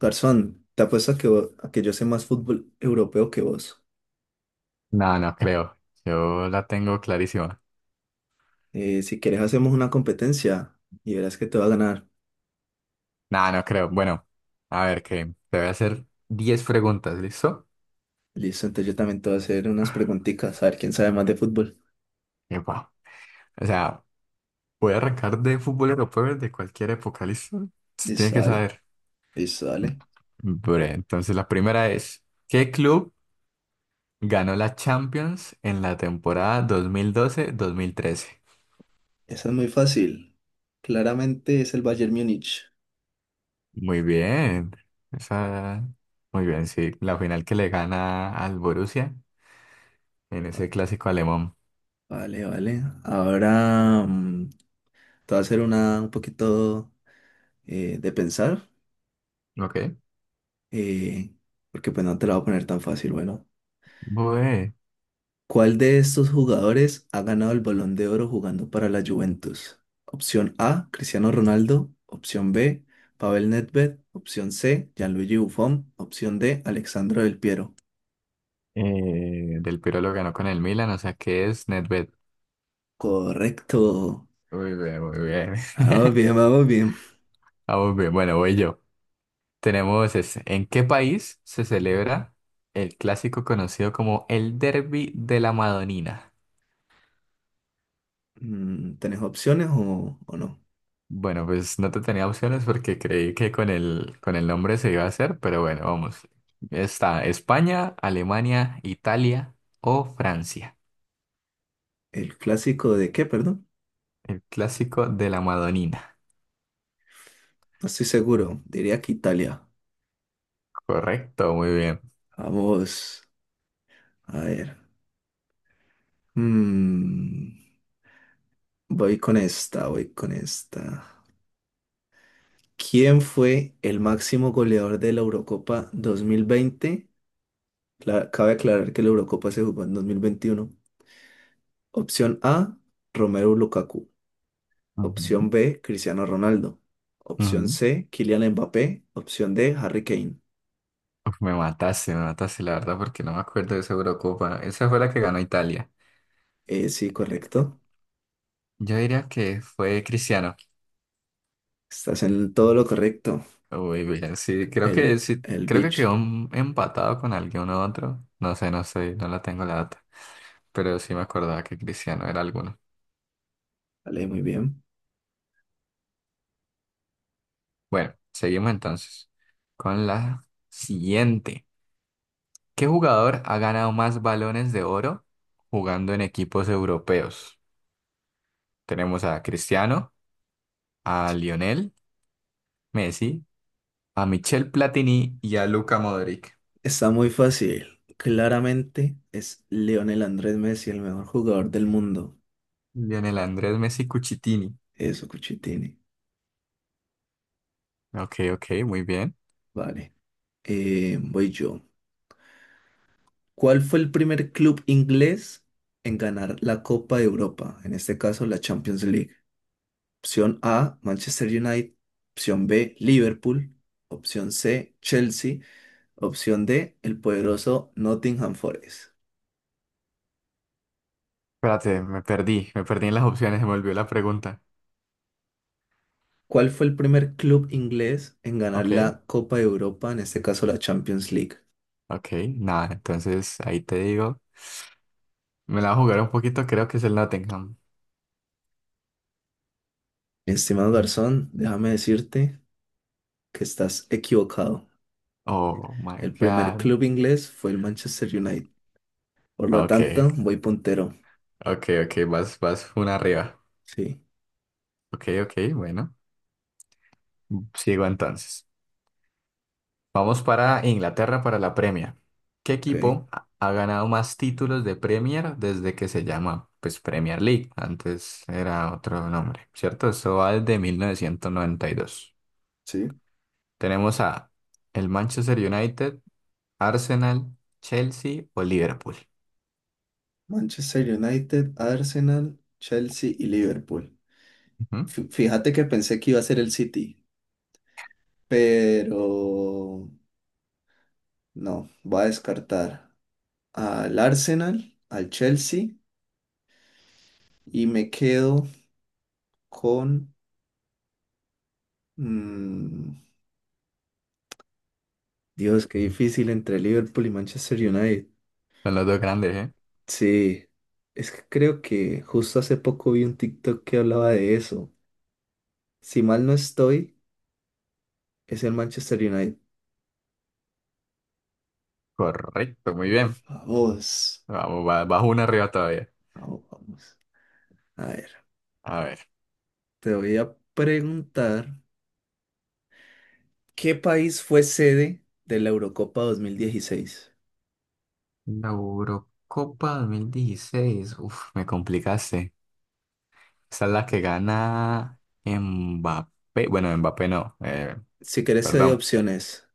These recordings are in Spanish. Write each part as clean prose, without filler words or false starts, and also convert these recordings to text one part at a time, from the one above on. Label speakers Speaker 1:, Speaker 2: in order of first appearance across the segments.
Speaker 1: Garzón, te apuesto a que, a que yo sé más fútbol europeo que vos.
Speaker 2: No, no creo. Yo la tengo clarísima.
Speaker 1: Si quieres hacemos una competencia y verás que te va a ganar.
Speaker 2: No, no creo. Bueno, a ver, que te voy a hacer 10 preguntas, ¿listo?
Speaker 1: Listo, entonces yo también te voy a hacer unas preguntitas, a ver quién sabe más de fútbol.
Speaker 2: Epa. O sea, voy a arrancar de fútbol europeo de cualquier época, ¿listo? Se tiene
Speaker 1: Listo,
Speaker 2: que
Speaker 1: dale,
Speaker 2: saber.
Speaker 1: listo, dale.
Speaker 2: Bre, entonces la primera es, ¿qué club ganó la Champions en la temporada dos mil doce mil trece?
Speaker 1: Esa es muy fácil. Claramente es el Bayern Múnich.
Speaker 2: Muy bien. Esa. Muy bien, sí. La final que le gana al Borussia en ese clásico alemán.
Speaker 1: Vale, vale. Ahora te voy a hacer una un poquito de pensar,
Speaker 2: Ok.
Speaker 1: eh, porque pues no te la voy a poner tan fácil, bueno.
Speaker 2: Bue,
Speaker 1: ¿Cuál de estos jugadores ha ganado el Balón de Oro jugando para la Juventus? Opción A, Cristiano Ronaldo. Opción B, Pavel Nedved. Opción C, Gianluigi Buffon. Opción D, Alexandro Del Piero.
Speaker 2: eh, Del Pirolo lo ganó con el Milan, o sea que es Nedved.
Speaker 1: Correcto.
Speaker 2: Muy bien, muy bien.
Speaker 1: Vamos bien, vamos bien.
Speaker 2: Vamos bien, bueno, voy yo. Tenemos ese. ¿En qué país se celebra el clásico conocido como el Derby de la Madonina?
Speaker 1: ¿Tenés opciones o no?
Speaker 2: Bueno, pues no te tenía opciones porque creí que con el nombre se iba a hacer, pero bueno, vamos. Está España, Alemania, Italia o Francia.
Speaker 1: ¿El clásico de qué, perdón?
Speaker 2: El clásico de la Madonina.
Speaker 1: No estoy seguro. Diría que Italia.
Speaker 2: Correcto, muy bien.
Speaker 1: Vamos. A ver. Mm, voy con esta, voy con esta. ¿Quién fue el máximo goleador de la Eurocopa 2020? Cabe aclarar que la Eurocopa se jugó en 2021. Opción A, Romelu Lukaku. Opción
Speaker 2: Ujú,
Speaker 1: B, Cristiano Ronaldo. Opción
Speaker 2: ujú.
Speaker 1: C, Kylian Mbappé. Opción D, Harry Kane.
Speaker 2: Uf, me mataste, la verdad, porque no me acuerdo de esa Eurocopa. Esa fue la que ganó Italia.
Speaker 1: Sí, correcto.
Speaker 2: Yo diría que fue Cristiano.
Speaker 1: Estás en todo lo correcto.
Speaker 2: Uy, bien, sí,
Speaker 1: El
Speaker 2: creo que
Speaker 1: bicho.
Speaker 2: quedó empatado con alguien u otro. No sé, no sé, no la tengo la data. Pero sí me acordaba que Cristiano era alguno.
Speaker 1: Vale, muy bien.
Speaker 2: Bueno, seguimos entonces con la siguiente. ¿Qué jugador ha ganado más balones de oro jugando en equipos europeos? Tenemos a Cristiano, a Lionel, Messi a Michel Platini y a Luka Modric.
Speaker 1: Está muy fácil. Claramente es Lionel Andrés Messi el mejor jugador del mundo.
Speaker 2: Lionel Andrés Messi Cuchitini.
Speaker 1: Eso, Cuchitini.
Speaker 2: Ok, ok, muy bien.
Speaker 1: Vale. Voy yo. ¿Cuál fue el primer club inglés en ganar la Copa de Europa? En este caso, la Champions League. Opción A, Manchester United. Opción B, Liverpool. Opción C, Chelsea. Opción D, el poderoso Nottingham Forest.
Speaker 2: Espérate, me perdí en las opciones, se me olvidó la pregunta.
Speaker 1: ¿Cuál fue el primer club inglés en ganar
Speaker 2: Ok,
Speaker 1: la Copa de Europa? En este caso, la Champions League.
Speaker 2: ok, nada, entonces ahí te digo. Me la voy a jugar un poquito, creo que es el Nottingham.
Speaker 1: Estimado Garzón, déjame decirte que estás equivocado.
Speaker 2: Oh my
Speaker 1: El primer
Speaker 2: God.
Speaker 1: club inglés fue el Manchester United. Por lo
Speaker 2: Ok,
Speaker 1: tanto, voy puntero.
Speaker 2: ok, ok, vas, vas una arriba.
Speaker 1: Sí,
Speaker 2: Ok, ok, bueno, sigo entonces. Vamos para Inglaterra para la Premier. ¿Qué
Speaker 1: ok.
Speaker 2: equipo ha ganado más títulos de Premier desde que se llama pues Premier League? Antes era otro nombre, ¿cierto? Eso va desde 1992.
Speaker 1: Sí.
Speaker 2: Tenemos a el Manchester United, Arsenal, Chelsea o Liverpool.
Speaker 1: Manchester United, Arsenal, Chelsea y Liverpool.
Speaker 2: Ujú.
Speaker 1: Fíjate que pensé que iba a ser el City, pero no, voy a descartar al Arsenal, al Chelsea y me quedo con... mm, Dios, qué difícil entre Liverpool y Manchester United.
Speaker 2: Son los dos grandes, ¿eh?
Speaker 1: Sí, es que creo que justo hace poco vi un TikTok que hablaba de eso. Si mal no estoy, es el Manchester United.
Speaker 2: Correcto, muy bien.
Speaker 1: Vamos.
Speaker 2: Vamos, bajo una arriba todavía.
Speaker 1: Vamos, vamos. A ver,
Speaker 2: A ver.
Speaker 1: te voy a preguntar, ¿qué país fue sede de la Eurocopa dos mil dieciséis?
Speaker 2: La Eurocopa 2016. Uf, me complicaste. Esa es la que gana Mbappé. Bueno, Mbappé no,
Speaker 1: Si querés, te doy
Speaker 2: perdón.
Speaker 1: opciones,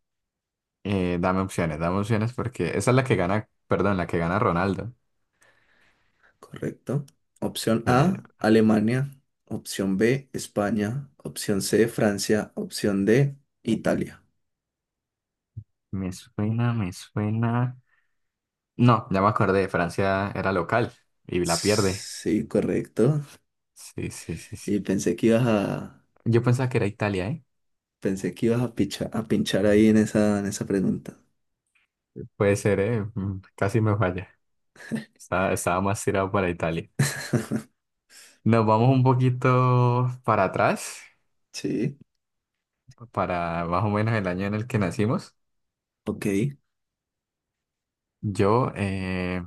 Speaker 2: Dame opciones, dame opciones porque esa es la que gana, perdón, la que gana Ronaldo.
Speaker 1: ¿correcto? Opción
Speaker 2: Eh,
Speaker 1: A, Alemania. Opción B, España. Opción C, Francia. Opción D, Italia.
Speaker 2: Me suena, me suena. No, ya me acordé, Francia era local y la pierde.
Speaker 1: Sí, correcto.
Speaker 2: Sí, sí, sí, sí.
Speaker 1: Y pensé que ibas a,
Speaker 2: Yo pensaba que era Italia, ¿eh?
Speaker 1: pensé que ibas a a pinchar ahí en esa pregunta.
Speaker 2: Puede ser, ¿eh? Casi me falla. Estaba más tirado para Italia. Nos vamos un poquito para atrás,
Speaker 1: Sí,
Speaker 2: para más o menos el año en el que nacimos.
Speaker 1: ok.
Speaker 2: Yo, eh,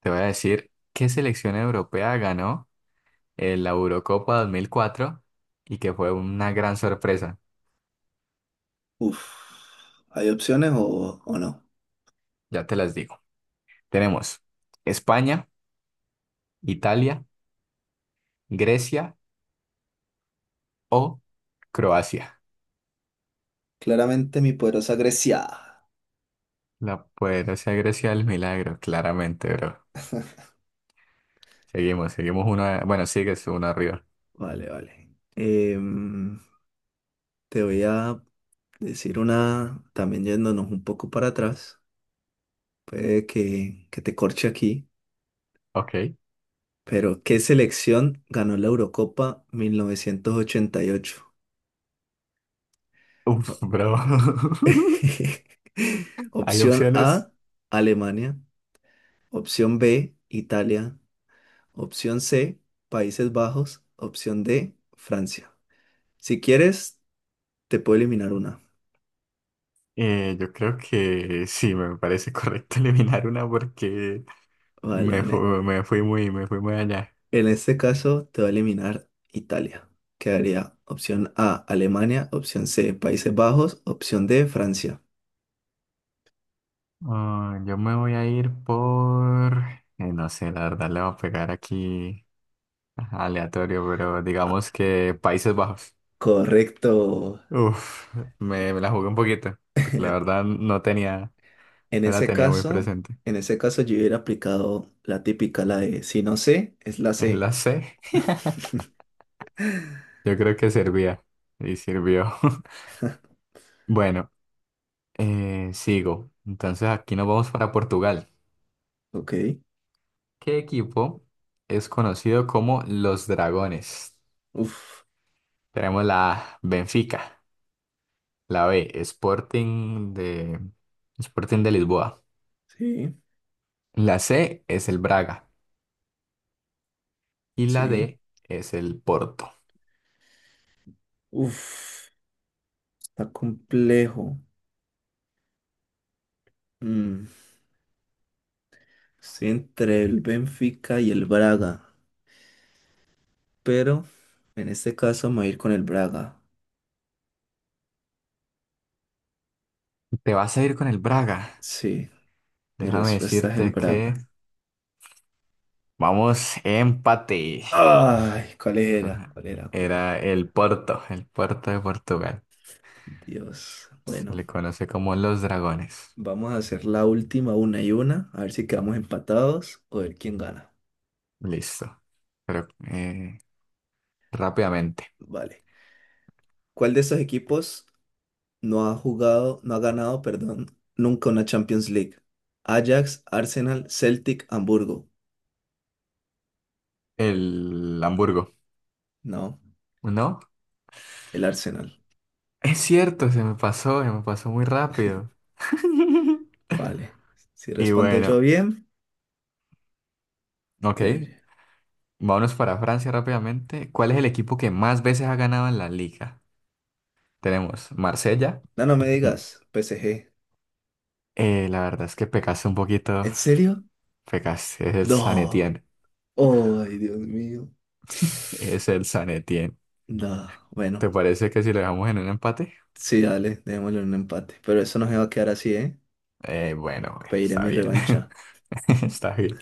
Speaker 2: Te voy a decir qué selección europea ganó en la Eurocopa 2004 y que fue una gran sorpresa.
Speaker 1: Uf, ¿hay opciones o no?
Speaker 2: Ya te las digo. Tenemos España, Italia, Grecia o Croacia.
Speaker 1: Claramente mi poderosa Grecia.
Speaker 2: La poderosa Grecia del milagro, claramente, bro. Seguimos, seguimos uno. Bueno, sigues uno arriba.
Speaker 1: Vale, vale. Te voy a decir una, también yéndonos un poco para atrás, que te corche aquí,
Speaker 2: Ok.
Speaker 1: pero ¿qué selección ganó la Eurocopa 1988?
Speaker 2: Uf,
Speaker 1: O-
Speaker 2: bro. Hay
Speaker 1: Opción
Speaker 2: opciones.
Speaker 1: A, Alemania. Opción B, Italia. Opción C, Países Bajos. Opción D, Francia. Si quieres, te puedo eliminar una.
Speaker 2: Yo creo que sí, me parece correcto eliminar una porque
Speaker 1: Vale,
Speaker 2: me, fu-
Speaker 1: en,
Speaker 2: me fui muy allá.
Speaker 1: En este caso, te va a eliminar Italia. Quedaría opción A, Alemania, opción C, Países Bajos, opción D, Francia.
Speaker 2: Ah, yo me voy a ir por, no sé, la verdad le voy a pegar aquí ajá, aleatorio, pero
Speaker 1: Ah,
Speaker 2: digamos que Países Bajos.
Speaker 1: correcto.
Speaker 2: Uf, me la jugué un poquito, porque la verdad no tenía,
Speaker 1: En
Speaker 2: no la
Speaker 1: ese
Speaker 2: tenía muy
Speaker 1: caso,
Speaker 2: presente.
Speaker 1: en ese caso yo hubiera aplicado la típica, la de si no sé, es la
Speaker 2: En
Speaker 1: C.
Speaker 2: la C, yo creo que servía, y sirvió. Bueno, sigo. Entonces aquí nos vamos para Portugal.
Speaker 1: Ok.
Speaker 2: ¿Qué equipo es conocido como los Dragones?
Speaker 1: Uf.
Speaker 2: Tenemos la A, Benfica. La B, Sporting de Lisboa.
Speaker 1: Sí,
Speaker 2: La C es el Braga. Y la
Speaker 1: sí.
Speaker 2: D es el Porto.
Speaker 1: Uf. Está complejo. Mm, Estoy entre el Benfica y el Braga, pero en este caso me voy a ir con el Braga.
Speaker 2: Te vas a ir con el Braga.
Speaker 1: Sí, mi
Speaker 2: Déjame
Speaker 1: respuesta es el
Speaker 2: decirte que
Speaker 1: Braga.
Speaker 2: vamos empate.
Speaker 1: Ay, ¿cuál era? ¿Cuál era? ¿Cuál era?
Speaker 2: Era el Porto de Portugal.
Speaker 1: Dios.
Speaker 2: Se
Speaker 1: Bueno,
Speaker 2: le conoce como los dragones.
Speaker 1: vamos a hacer la última una y una, a ver si quedamos empatados o ver quién gana.
Speaker 2: Listo. Pero rápidamente.
Speaker 1: Vale. ¿Cuál de estos equipos no ha jugado, no ha ganado, perdón, nunca una Champions League? Ajax, Arsenal, Celtic, Hamburgo.
Speaker 2: El Hamburgo.
Speaker 1: No,
Speaker 2: ¿No?
Speaker 1: el Arsenal.
Speaker 2: Es cierto, se me pasó muy rápido.
Speaker 1: Vale. Si
Speaker 2: Y
Speaker 1: respondo yo
Speaker 2: bueno.
Speaker 1: bien,
Speaker 2: Ok,
Speaker 1: eh,
Speaker 2: vámonos para Francia rápidamente. ¿Cuál es el equipo que más veces ha ganado en la liga? Tenemos Marsella.
Speaker 1: no, no me
Speaker 2: Mm.
Speaker 1: digas, PSG.
Speaker 2: La verdad es que pecaste un poquito.
Speaker 1: ¿En serio?
Speaker 2: Pecaste, es el San
Speaker 1: No.
Speaker 2: Etienne.
Speaker 1: Ay, Dios mío.
Speaker 2: Es el San Etienne.
Speaker 1: Da, bueno,
Speaker 2: ¿Te parece que si lo dejamos en un empate?
Speaker 1: sí, dale, démosle un empate. Pero eso no se va a quedar así, ¿eh?
Speaker 2: Bueno, bueno,
Speaker 1: Pediré
Speaker 2: está
Speaker 1: mi
Speaker 2: bien.
Speaker 1: revancha.
Speaker 2: Está bien.